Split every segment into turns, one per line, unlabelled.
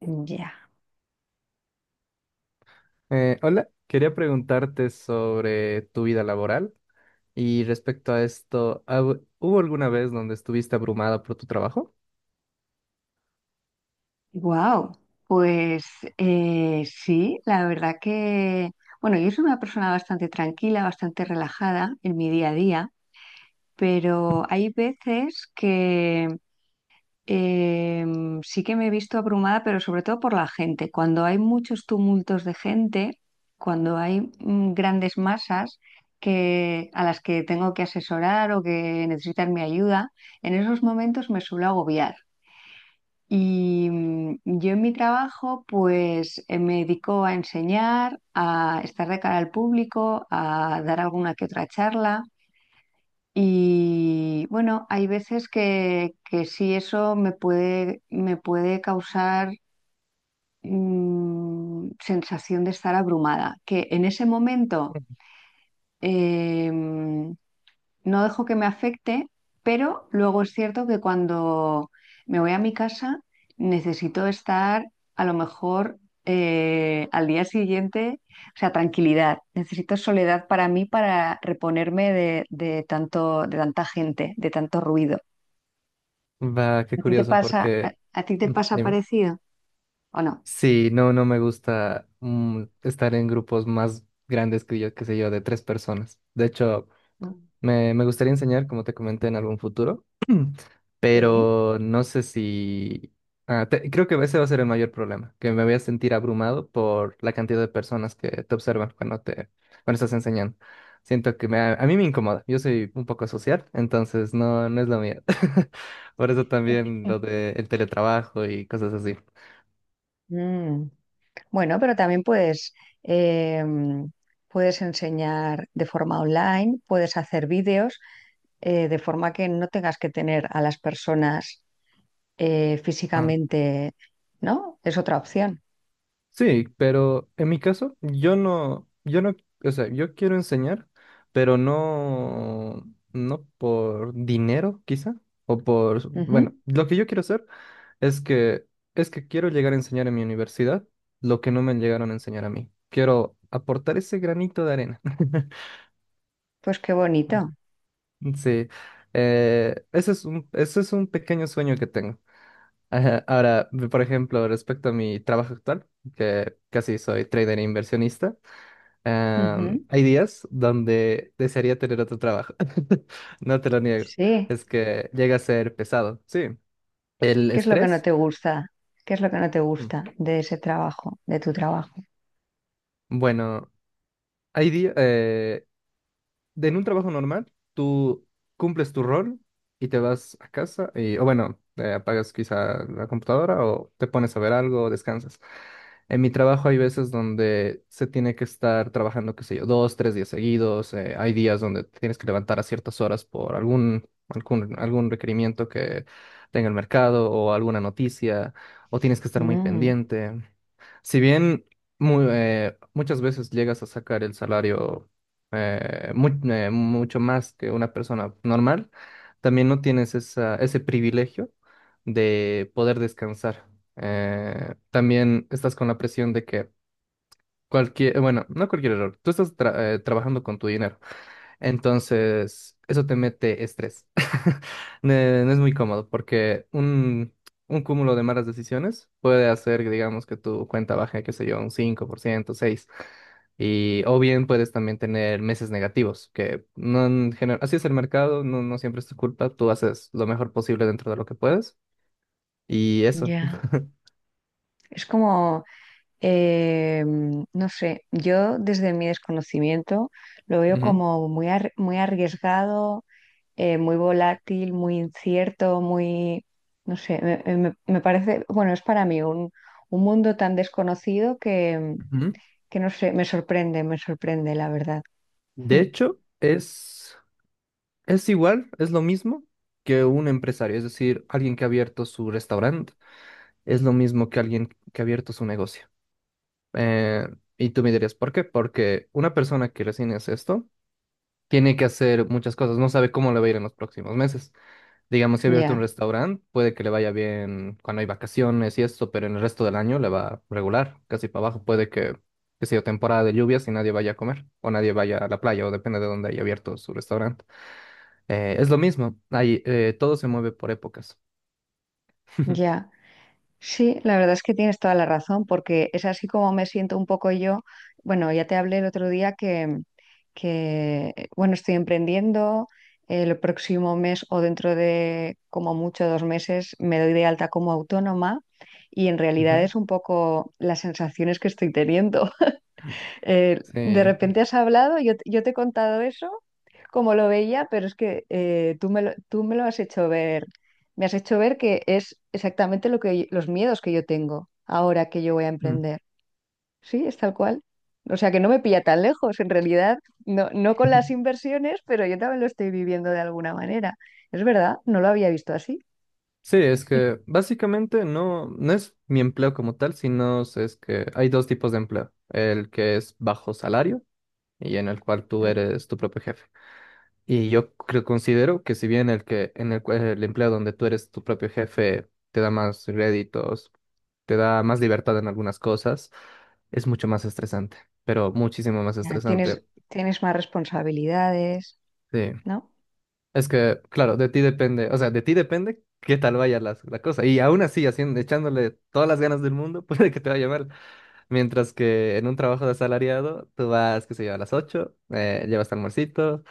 Ya,
Hola, quería preguntarte sobre tu vida laboral y respecto a esto, hubo alguna vez donde estuviste abrumada por tu trabajo?
wow. Pues sí, la verdad que, bueno, yo soy una persona bastante tranquila, bastante relajada en mi día a día, pero hay veces que sí que me he visto abrumada, pero sobre todo por la gente. Cuando hay muchos tumultos de gente, cuando hay grandes masas a las que tengo que asesorar o que necesitan mi ayuda, en esos momentos me suelo agobiar. Y yo en mi trabajo, pues me dedico a enseñar, a estar de cara al público, a dar alguna que otra charla. Y bueno, hay veces que sí eso me puede causar sensación de estar abrumada, que en ese momento em, no dejo que me afecte, pero luego es cierto que cuando me voy a mi casa necesito estar a lo mejor al día siguiente, o sea, tranquilidad, necesito soledad para mí para reponerme de tanto, de tanta gente, de tanto ruido.
Va, qué
¿A ti te
curioso
pasa,
porque...
a ti te
Mm,
pasa
dime.
parecido o no?
Sí, no, no me gusta estar en grupos más grandes que yo, qué sé yo, de tres personas. De hecho, me gustaría enseñar, como te comenté, en algún futuro,
Sí.
pero no sé si... Creo que ese va a ser el mayor problema, que me voy a sentir abrumado por la cantidad de personas que te observan cuando estás enseñando. Siento que me, a mí me incomoda, yo soy un poco social, entonces no, no es lo mío. Por eso también lo del teletrabajo y cosas así.
Mm. Bueno, pero también em, puedes enseñar de forma online, puedes hacer vídeos. Eh, de forma que no tengas que tener a las personas físicamente, ¿no? Es otra opción.
Sí, pero en mi caso, yo no, o sea, yo quiero enseñar, pero no, no por dinero, quizá, o por, bueno,
Ujú.
lo que yo quiero hacer es que, es que quiero llegar a enseñar en mi universidad lo que no me llegaron a enseñar a mí. Quiero aportar ese granito de arena.
Pues qué bonito.
Sí, ese es un pequeño sueño que tengo. Ajá. Ahora, por ejemplo, respecto a mi trabajo actual, que casi soy trader e inversionista.
Ujú.
Hay días donde desearía tener otro trabajo. No te lo niego.
Sí.
Es que llega a ser pesado. Sí. El
¿Qué es lo que no
estrés.
te gusta? ¿Qué es lo que no te
mm,
gusta de ese trabajo, de tu trabajo?
Bueno, hay días. En un trabajo normal, tú cumples tu rol y te vas a casa, y, o bueno, apagas quizá la computadora o te pones a ver algo o descansas. En mi trabajo hay veces donde se tiene que estar trabajando, qué sé yo, dos, tres días seguidos. Hay días donde te tienes que levantar a ciertas horas por algún requerimiento que tenga el mercado o alguna noticia, o tienes que estar muy
Mm,
pendiente. Si bien muchas veces llegas a sacar el salario mucho más que una persona normal, también no tienes esa, ese privilegio de poder descansar. También estás con la presión de que cualquier, bueno, no cualquier error, tú estás trabajando con tu dinero. Entonces, eso te mete estrés. No es muy cómodo porque un cúmulo de malas decisiones puede hacer que, digamos, que tu cuenta baje, qué sé yo, un 5%, 6%. Y, o bien puedes también tener meses negativos, que no en general, así es el mercado, no, no siempre es tu culpa, tú haces lo mejor posible dentro de lo que puedes y eso.
ya. Es como, eh, no sé, yo desde mi desconocimiento lo veo
Ujú,
como muy, muy arriesgado, muy volátil, muy incierto, muy, no sé, me parece, bueno, es para mí un mundo tan desconocido
ujú.
que no sé, me sorprende, la verdad.
De
Mm.
hecho, es igual, es lo mismo que un empresario, es decir, alguien que ha abierto su restaurante, es lo mismo que alguien que ha abierto su negocio. Eh, y tú me dirías, ¿por qué? Porque una persona que recién hace esto tiene que hacer muchas cosas, no sabe cómo le va a ir en los próximos meses. Digamos, si ha abierto un
Ya,
restaurante, puede que le vaya bien cuando hay vacaciones y esto, pero en el resto del año le va regular, casi para abajo. Puede que sea temporada de lluvias y nadie vaya a comer, o nadie vaya a la playa, o depende de dónde haya abierto su restaurante. Es lo mismo, hay, todo se mueve por épocas.
ya. Sí, la verdad es que tienes toda la razón, porque es así como me siento un poco yo. Bueno, ya te hablé el otro día que bueno, estoy emprendiendo. El próximo mes o dentro de como mucho dos meses me doy de alta como autónoma y en realidad
Ujú.
es un poco las sensaciones que estoy teniendo. De
Sí.
repente has hablado, yo te he contado eso, como lo veía, pero es que tú me lo has hecho ver, me has hecho ver que es exactamente lo que, los miedos que yo tengo ahora que yo voy a
Mm.
emprender. Sí, es tal cual. O sea que no me pilla tan lejos, en realidad, no con las inversiones, pero yo también lo estoy viviendo de alguna manera. Es verdad, no lo había visto así.
Sí, es que básicamente no, no es mi empleo como tal, sino es que hay dos tipos de empleo. El que es bajo salario y en el cual tú
Mm.
eres tu propio jefe. Y yo creo, considero que si bien el que en el, el empleo donde tú eres tu propio jefe te da más réditos, te da más libertad en algunas cosas, es mucho más estresante, pero muchísimo más
Ya,
estresante.
tienes más responsabilidades,
Sí.
¿no?
Es que, claro, de ti depende, o sea, de ti depende qué tal vaya cosa. Y aún así, haciendo, echándole todas las ganas del mundo, puede que te vaya mal. Mientras que en un trabajo de asalariado, tú vas, qué sé yo, a las 8 llevas tu almuercito,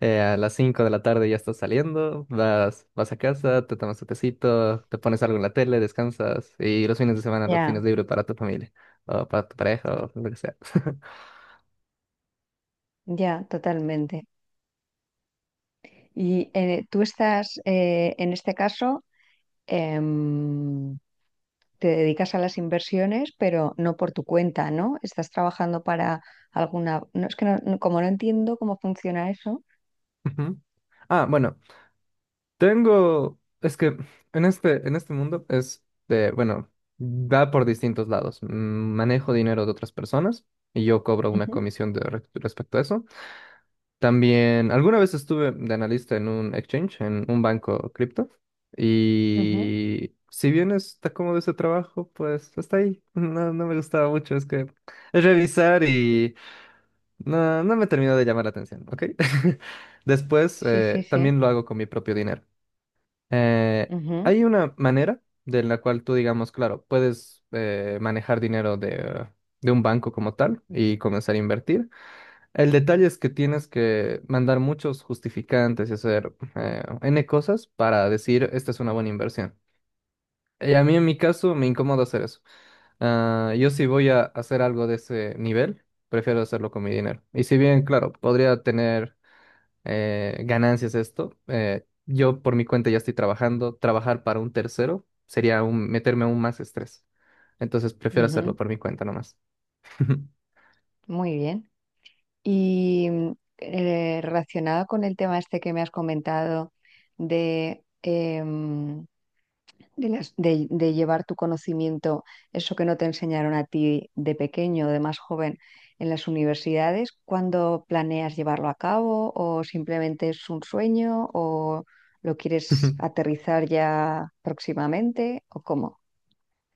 a las 5 de la tarde ya estás saliendo, vas a casa, te tomas tu tecito, te pones algo en la tele, descansas y los fines de semana los
Ya,
tienes libre para tu familia o para tu pareja o lo que sea.
ya, totalmente. Y en este caso, em, te dedicas a las inversiones, pero no por tu cuenta, ¿no? Estás trabajando para alguna... No, es que como no entiendo cómo funciona eso.
Ujú. Ah, bueno, tengo, es que en en este mundo es de, bueno, va por distintos lados. Mm, manejo dinero de otras personas y yo cobro una
Ujú,
comisión de, respecto a eso. También, alguna vez estuve de analista en un exchange, en un banco cripto,
ujú.
y si bien está cómodo ese trabajo, pues hasta ahí. No, no me gustaba mucho, es que es revisar y no, no me terminó de llamar la atención, ¿ok? Después,
Sí, sí, sí.
también lo hago con mi propio dinero. Eh,
Ujú,
Hay una manera de la cual tú, digamos, claro, puedes manejar dinero de un banco como tal y comenzar a invertir. El detalle es que tienes que mandar muchos justificantes y hacer N cosas para decir esta es una buena inversión. Y a mí en mi caso me incomoda hacer eso. Ah, yo si voy a hacer algo de ese nivel, prefiero hacerlo con mi dinero. Y si bien, claro, podría tener ganancias esto. Yo por mi cuenta ya estoy trabajando. Trabajar para un tercero sería meterme aún más estrés. Entonces prefiero
ujú.
hacerlo por mi cuenta nomás.
Muy bien. Y relacionado con el tema este que me has comentado de... de, de llevar tu conocimiento, eso que no te enseñaron a ti de pequeño o de más joven en las universidades, ¿cuándo planeas llevarlo a cabo o simplemente es un sueño o lo quieres aterrizar ya próximamente o cómo?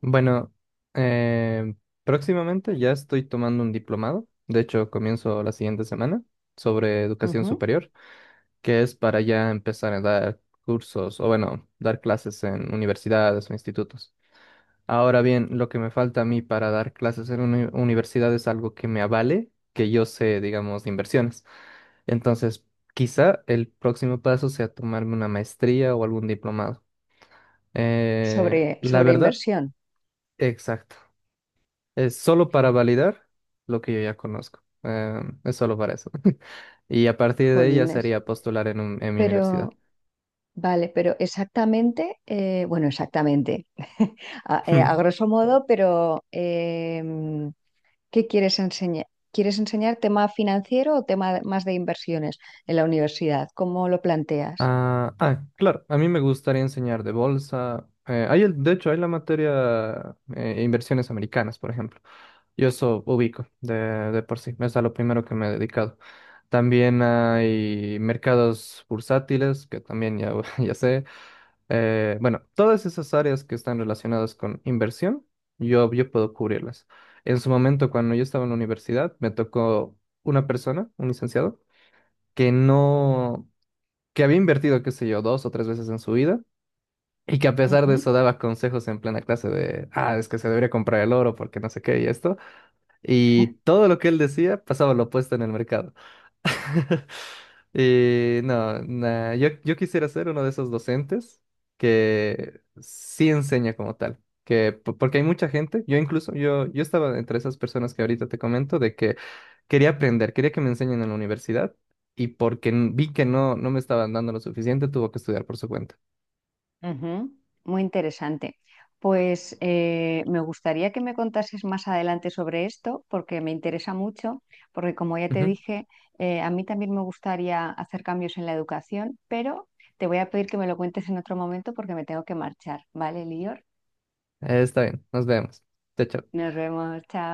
Bueno, eh, próximamente ya estoy tomando un diplomado. De hecho, comienzo la siguiente semana sobre educación
Ujú.
superior, que es para ya empezar a dar cursos o bueno, dar clases en universidades o institutos. Ahora bien, lo que me falta a mí para dar clases en una universidad es algo que me avale, que yo sé, digamos, de inversiones. Entonces, quizá el próximo paso sea tomarme una maestría o algún diplomado. Eh,
Sobre,
la
sobre
verdad,
inversión,
exacto. Es solo para validar lo que yo ya conozco. Es solo para eso. Y a partir de ahí ya
jolines.
sería postular en en mi
Pero,
universidad.
vale, pero exactamente, exactamente, a grosso modo, pero... em, ¿qué quieres enseñar? ¿Quieres enseñar tema financiero o tema más de inversiones en la universidad? ¿Cómo lo planteas?
Ah, ah, claro, a mí me gustaría enseñar de bolsa. Hay el, de hecho, hay la materia inversiones americanas, por ejemplo. Yo eso ubico de por sí, es a lo primero que me he dedicado. También hay mercados bursátiles, que también ya, ya sé. Bueno, todas esas áreas que están relacionadas con inversión, yo puedo cubrirlas. En su momento, cuando yo estaba en la universidad, me tocó una persona, un licenciado, que no que había invertido, qué sé yo, dos o tres veces en su vida y que a pesar de
Ujú,
eso daba consejos en plena clase de, ah, es que se debería comprar el oro porque no sé qué y esto. Y todo lo que él decía pasaba lo opuesto en el mercado. Y no, nah, yo quisiera ser uno de esos docentes que sí enseña como tal. Que, porque hay mucha gente, yo incluso, yo estaba entre esas personas que ahorita te comento, de que quería aprender, quería que me enseñen en la universidad y porque vi que no, no me estaban dando lo suficiente, tuvo que estudiar por su cuenta.
ujú. Muy interesante. Pues me gustaría que me contases más adelante sobre esto porque me interesa mucho, porque como ya te
Ujú.
dije, a mí también me gustaría hacer cambios en la educación, pero te voy a pedir que me lo cuentes en otro momento porque me tengo que marchar. ¿Vale, Lior?
Está bien, nos vemos. Chao, chao.
Nos vemos, chao.